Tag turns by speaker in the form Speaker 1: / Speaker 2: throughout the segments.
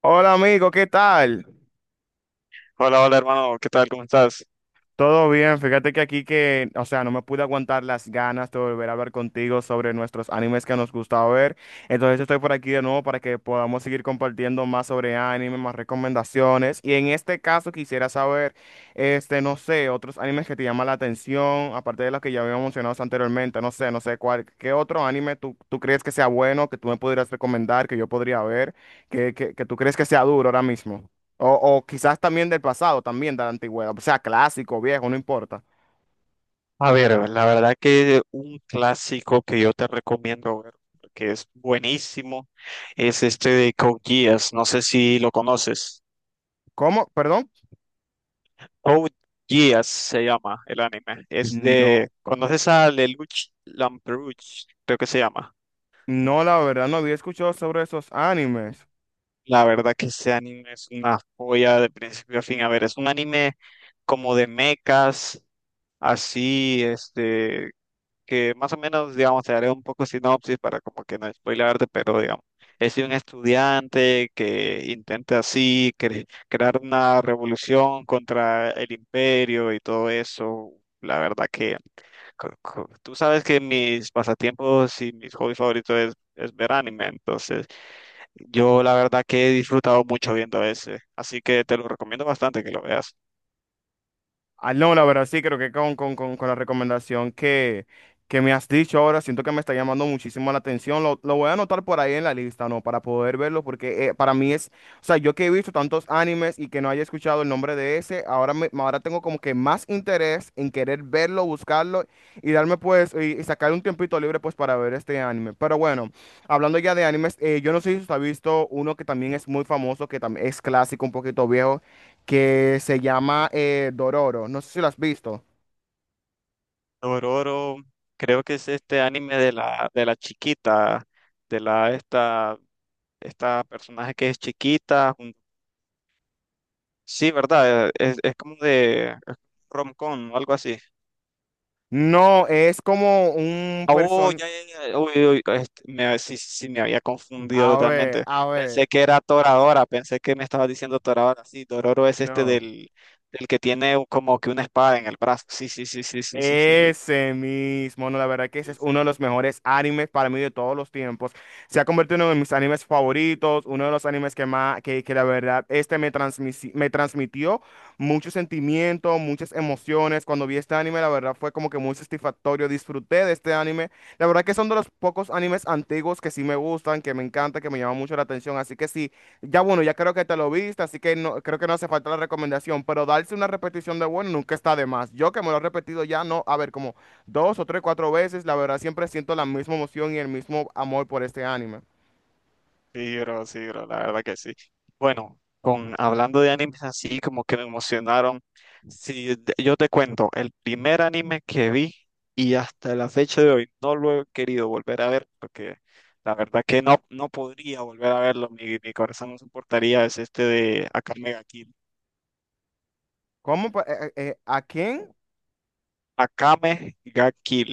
Speaker 1: Hola amigo, ¿qué tal?
Speaker 2: Hola, hermano, ¿qué tal? ¿Cómo estás?
Speaker 1: Todo bien, fíjate que aquí que, o sea, no me pude aguantar las ganas de volver a hablar contigo sobre nuestros animes que nos gusta ver. Entonces estoy por aquí de nuevo para que podamos seguir compartiendo más sobre anime, más recomendaciones. Y en este caso quisiera saber, no sé, otros animes que te llaman la atención, aparte de los que ya habíamos mencionado anteriormente, no sé, ¿qué otro anime tú crees que sea bueno, que tú me pudieras recomendar, que yo podría ver, que tú crees que sea duro ahora mismo? O, o quizás también del pasado, también de la antigüedad, o sea, clásico, viejo, no importa.
Speaker 2: A ver, la verdad que un clásico que yo te recomiendo ver, que es buenísimo, es este de Code Geass, no sé si lo conoces.
Speaker 1: ¿Cómo? Perdón.
Speaker 2: Code Geass se llama el anime, es
Speaker 1: No,
Speaker 2: de, ¿conoces a Lelouch Lamperouche? Creo que se llama.
Speaker 1: no, la verdad no había escuchado sobre esos animes.
Speaker 2: La verdad que ese anime es una joya de principio a fin. A ver, es un anime como de mechas, así, que más o menos, digamos, te haré un poco sinopsis para como que no spoilearte, pero digamos, es de un estudiante que intenta así crear una revolución contra el imperio y todo eso. La verdad que tú sabes que mis pasatiempos y mis hobbies favoritos es ver anime, entonces yo la verdad que he disfrutado mucho viendo ese, así que te lo recomiendo bastante que lo veas.
Speaker 1: Ah, no, la verdad sí, creo que con la recomendación que me has dicho ahora, siento que me está llamando muchísimo la atención. Lo voy a anotar por ahí en la lista, ¿no? Para poder verlo, porque para mí es, o sea, yo que he visto tantos animes y que no haya escuchado el nombre de ese, ahora, ahora tengo como que más interés en querer verlo, buscarlo y darme pues, y sacar un tiempito libre pues para ver este anime. Pero bueno, hablando ya de animes, yo no sé si usted ha visto uno que también es muy famoso, que también es clásico, un poquito viejo que se llama Dororo. No sé si lo has visto.
Speaker 2: Dororo, creo que es este anime de de la chiquita, de la esta, esta personaje que es chiquita. Sí, ¿verdad? Es como de es rom-com o algo así.
Speaker 1: No, es como un
Speaker 2: Ah, oh,
Speaker 1: person...
Speaker 2: ya, ya, ya. Uy, uy, sí, sí, sí, me había confundido
Speaker 1: A ver,
Speaker 2: totalmente.
Speaker 1: a
Speaker 2: Pensé
Speaker 1: ver.
Speaker 2: que era Toradora, pensé que me estaba diciendo Toradora. Sí, Dororo es este
Speaker 1: No.
Speaker 2: del que tiene como que una espada en el brazo. Sí, sí, sí, sí, sí, sí, sí, sí.
Speaker 1: Ese mismo, no, la verdad que ese
Speaker 2: Sí,
Speaker 1: es uno
Speaker 2: sí.
Speaker 1: de los mejores animes para mí de todos los tiempos. Se ha convertido en uno de mis animes favoritos, uno de los animes que más, que la verdad, este me transmitió muchos sentimientos, muchas emociones. Cuando vi este anime, la verdad fue como que muy satisfactorio. Disfruté de este anime. La verdad que son de los pocos animes antiguos que sí me gustan, que me encanta, que me llaman mucho la atención. Así que sí. Ya bueno, ya creo que te lo viste, así que no, creo que no hace falta la recomendación, pero darse una repetición de bueno nunca está de más. Yo que me lo he repetido ya, no, a ver, como dos o tres, cuatro veces, la verdad siempre siento la misma emoción y el mismo amor por este anime.
Speaker 2: Sí, bro, la verdad que sí. Bueno, con hablando de animes así como que me emocionaron, sí, yo te cuento, el primer anime que vi y hasta la fecha de hoy no lo he querido volver a ver porque la verdad que no, no podría volver a verlo, mi corazón no soportaría, es este de Akame ga Kill.
Speaker 1: ¿Cómo? ¿A quién?
Speaker 2: Akame ga Kill,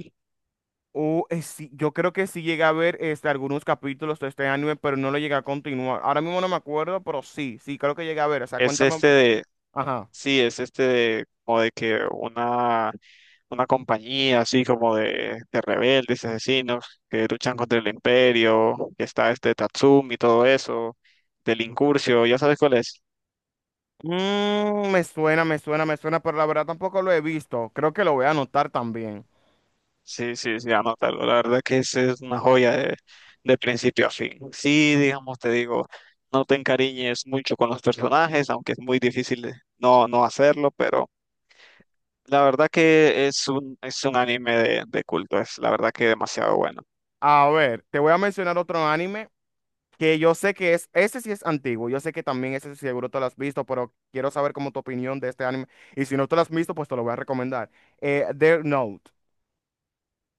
Speaker 1: O sí, yo creo que sí llegué a ver este, algunos capítulos de este anime, pero no lo llegué a continuar. Ahora mismo no me acuerdo, pero sí, sí, creo que llegué a ver. O sea,
Speaker 2: es este de,
Speaker 1: Ajá.
Speaker 2: sí, es este de como de que una compañía así como de rebeldes, asesinos, que luchan contra el imperio, que está este Tatsumi y todo eso, del Incurcio, ya sabes cuál es.
Speaker 1: Mm, me suena, pero la verdad tampoco lo he visto. Creo que lo voy a anotar también.
Speaker 2: Sí, sí, sí, anótalo. La verdad que ese es una joya de principio a fin. Sí, digamos, te digo, no te encariñes mucho con los personajes, aunque es muy difícil no, no hacerlo, pero la verdad que es un anime de culto, es la verdad que demasiado bueno.
Speaker 1: A ver, te voy a mencionar otro anime que yo sé que es, ese sí es antiguo, yo sé que también ese seguro te lo has visto, pero quiero saber como tu opinión de este anime y si no te lo has visto, pues te lo voy a recomendar. Death Note.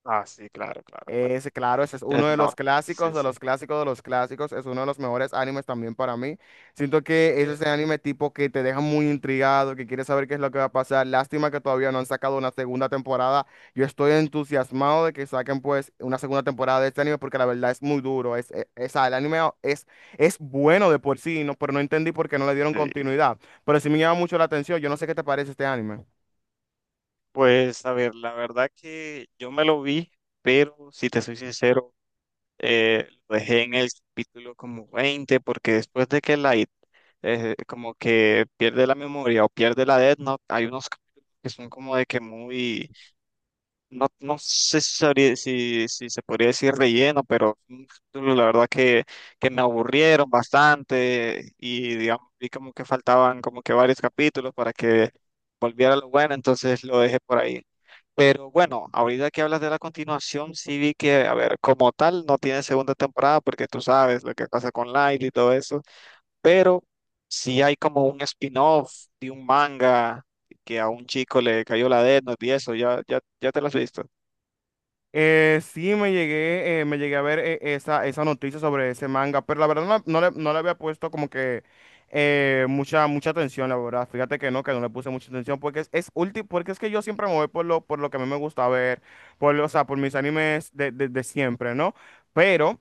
Speaker 2: Ah, sí, claro, claro, claro.
Speaker 1: Ese, claro, ese es uno
Speaker 2: Death
Speaker 1: de los
Speaker 2: Note,
Speaker 1: clásicos,
Speaker 2: sí,
Speaker 1: de
Speaker 2: sí.
Speaker 1: los clásicos, de los clásicos. Es uno de los mejores animes también para mí. Siento que es ese
Speaker 2: Pero
Speaker 1: anime tipo que te deja muy intrigado, que quieres saber qué es lo que va a pasar. Lástima que todavía no han sacado una segunda temporada. Yo estoy entusiasmado de que saquen pues una segunda temporada de este anime porque la verdad es muy duro. El anime es bueno de por sí, no, pero no entendí por qué no le dieron
Speaker 2: sí.
Speaker 1: continuidad. Pero sí me llama mucho la atención. Yo no sé qué te parece este anime.
Speaker 2: Pues a ver, la verdad que yo me lo vi, pero si te soy sincero, lo dejé en el capítulo como 20 porque después de que Light como que pierde la memoria o pierde la Death Note, hay unos capítulos que son como de que muy no, no sé si, si, si se podría decir relleno, pero la verdad que me aburrieron bastante y digamos, vi como que faltaban como que varios capítulos para que volviera lo bueno, entonces lo dejé por ahí. Pero bueno, ahorita que hablas de la continuación, sí vi que, a ver, como tal, no tiene segunda temporada porque tú sabes lo que pasa con Light y todo eso, pero sí hay como un spin-off de un manga que a un chico le cayó la dedo y eso, ya, ya, ya te lo has visto.
Speaker 1: Sí, me llegué a ver esa noticia sobre ese manga, pero la verdad no, no le había puesto como que mucha atención, la verdad. Fíjate que no le puse mucha atención, porque porque es que yo siempre me voy por lo que a mí me gusta ver, o sea, por mis animes de siempre, ¿no? Pero,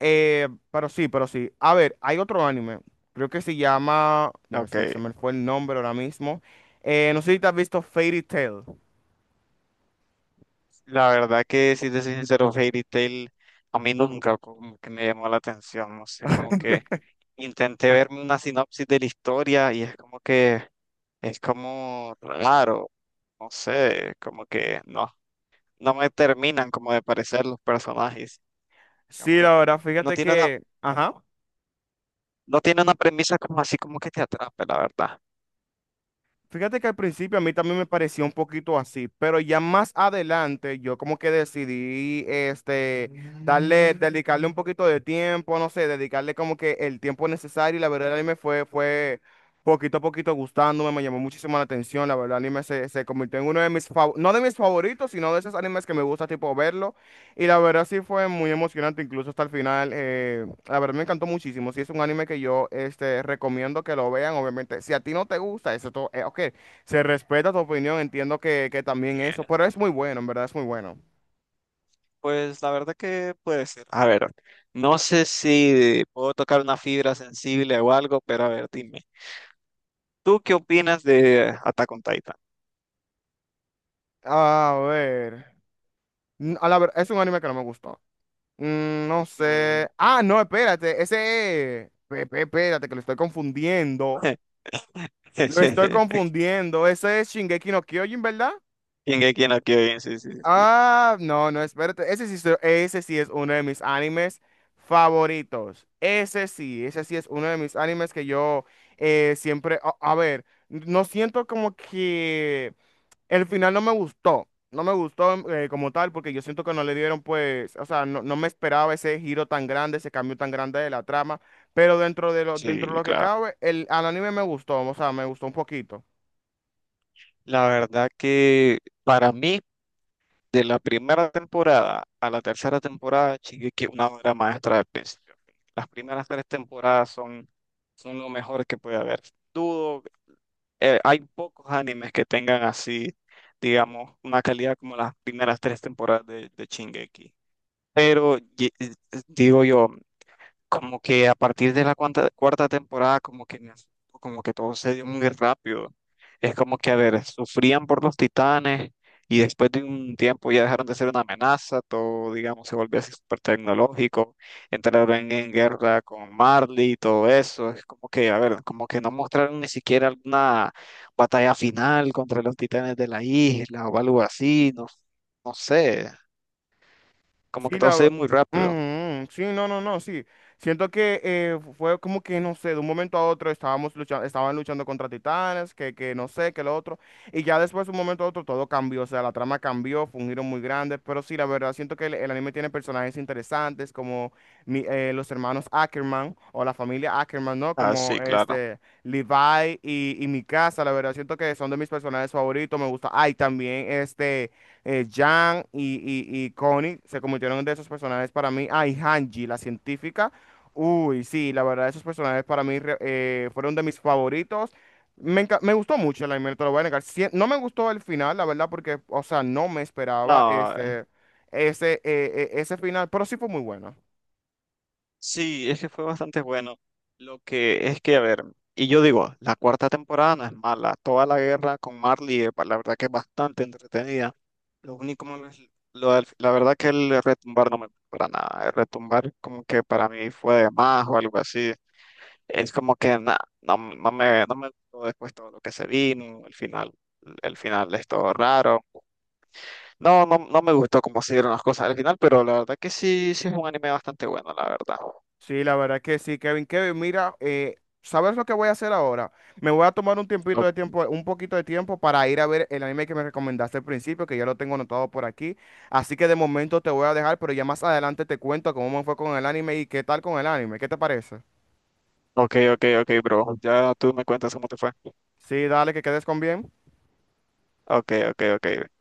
Speaker 1: pero sí. A ver, hay otro anime, creo que se llama,
Speaker 2: Ok,
Speaker 1: me se me fue el nombre ahora mismo. No sé si te has visto Fairy Tail.
Speaker 2: la verdad que si te soy sincero, Fairy Tail a mí nunca como que me llamó la atención, no sé, como que intenté verme una sinopsis de la historia y es como que es como raro, no sé, como que no, no me terminan como de parecer los personajes,
Speaker 1: Sí,
Speaker 2: digamos,
Speaker 1: la verdad,
Speaker 2: no
Speaker 1: fíjate
Speaker 2: tiene una,
Speaker 1: que, ajá.
Speaker 2: no tiene una premisa como así como que te atrape, la verdad.
Speaker 1: Fíjate que al principio a mí también me pareció un poquito así, pero ya más adelante yo como que decidí, dedicarle un poquito de tiempo, no sé, dedicarle como que el tiempo necesario y la verdad el mí me fue, fue poquito a poquito gustándome, me llamó muchísimo la atención, la verdad el anime se, se convirtió en uno de mis, no de mis favoritos, sino de esos animes que me gusta tipo verlo y la verdad sí fue muy emocionante incluso hasta el final. La verdad me encantó muchísimo. Sí, es un anime que yo recomiendo que lo vean. Obviamente, si a ti no te gusta, eso todo, ok, se respeta tu opinión, entiendo que también eso,
Speaker 2: Eh,
Speaker 1: pero es muy bueno, en verdad es muy bueno.
Speaker 2: Pues la verdad que puede ser. A ver, no sé si puedo tocar una fibra sensible o algo, pero a ver, dime. ¿Tú qué opinas de Attack on Titan?
Speaker 1: A ver, es un anime que no me gustó. Mm, no
Speaker 2: Mm.
Speaker 1: sé. Ah, no, espérate, ese es- pe- pe- espérate, que lo estoy confundiendo. Lo estoy confundiendo. Ese es Shingeki no Kyojin, ¿verdad?
Speaker 2: Shingeki no Kyojin, sí, sí, sí.
Speaker 1: Ah, no, no, espérate. Ese sí es uno de mis animes favoritos. Ese sí es uno de mis animes que yo siempre, a ver, no siento como que el final no me gustó. No me gustó mm, como tal porque yo siento que no le dieron pues, o sea, no, no me esperaba ese giro tan grande, ese cambio tan grande de la trama, pero dentro de
Speaker 2: Sí,
Speaker 1: lo que
Speaker 2: claro.
Speaker 1: cabe, el, al anime me gustó, o sea, me gustó un poquito.
Speaker 2: La verdad que para mí, de la primera temporada a la tercera temporada, Shingeki es una obra maestra del principio a fin. Las primeras tres temporadas son, son lo mejor que puede haber. Dudo, hay pocos animes que tengan así, digamos, una calidad como las primeras tres temporadas de Shingeki. Pero digo yo, como que a partir de cuarta temporada, como que me asustó, como que todo se dio muy rápido. Es como que, a ver, sufrían por los titanes y después de un tiempo ya dejaron de ser una amenaza, todo, digamos, se volvió así súper tecnológico, entraron en guerra con Marley y todo eso. Es como que, a ver, como que no mostraron ni siquiera alguna batalla final contra los titanes de la isla o algo así, no, no sé, como
Speaker 1: Sí,
Speaker 2: que todo
Speaker 1: la...
Speaker 2: se dio muy rápido.
Speaker 1: Ujú, sí, no, no, no, sí. Siento que fue como que, no sé, de un momento a otro estábamos luchando, estaban luchando contra titanes, que no sé, que lo otro. Y ya después, de un momento a otro, todo cambió. O sea, la trama cambió, fue un giro muy grande. Pero sí, la verdad, siento que el anime tiene personajes interesantes como los hermanos Ackerman o la familia Ackerman, ¿no?
Speaker 2: Ah,
Speaker 1: Como
Speaker 2: sí, claro.
Speaker 1: este Levi y Mikasa, la verdad, siento que son de mis personajes favoritos. Me gusta. Ay, también este Jan y Connie se convirtieron en de esos personajes para mí. Ah, y Hanji, la científica. Uy, sí, la verdad, esos personajes para mí fueron de mis favoritos. Me gustó mucho el anime, no te lo voy a negar. Sí, no me gustó el final, la verdad, porque, o sea, no me esperaba
Speaker 2: No,
Speaker 1: ese final, pero sí fue muy bueno.
Speaker 2: sí, es que fue bastante bueno. Lo que es que, a ver, y yo digo, la cuarta temporada no es mala. Toda la guerra con Marley, la verdad que es bastante entretenida. Lo único malo es la verdad que el retumbar no me gustó para nada. El retumbar como que para mí fue de más o algo así. Es como que no, no me gustó después todo lo que se vino, el final. El final es todo raro. No, no, no me gustó cómo se dieron las cosas al final, pero la verdad que sí, sí es un anime bastante bueno, la verdad.
Speaker 1: Sí, la verdad que sí, Kevin. Kevin, mira, ¿sabes lo que voy a hacer ahora? Me voy a tomar un tiempito de tiempo, un poquito de tiempo para ir a ver el anime que me recomendaste al principio, que ya lo tengo anotado por aquí. Así que de momento te voy a dejar, pero ya más adelante te cuento cómo me fue con el anime y qué tal con el anime. ¿Qué te parece?
Speaker 2: Ok, ok, ok, bro. Ya tú me cuentas cómo te fue.
Speaker 1: Sí, dale, que quedes con bien.
Speaker 2: Ok, ok, ok.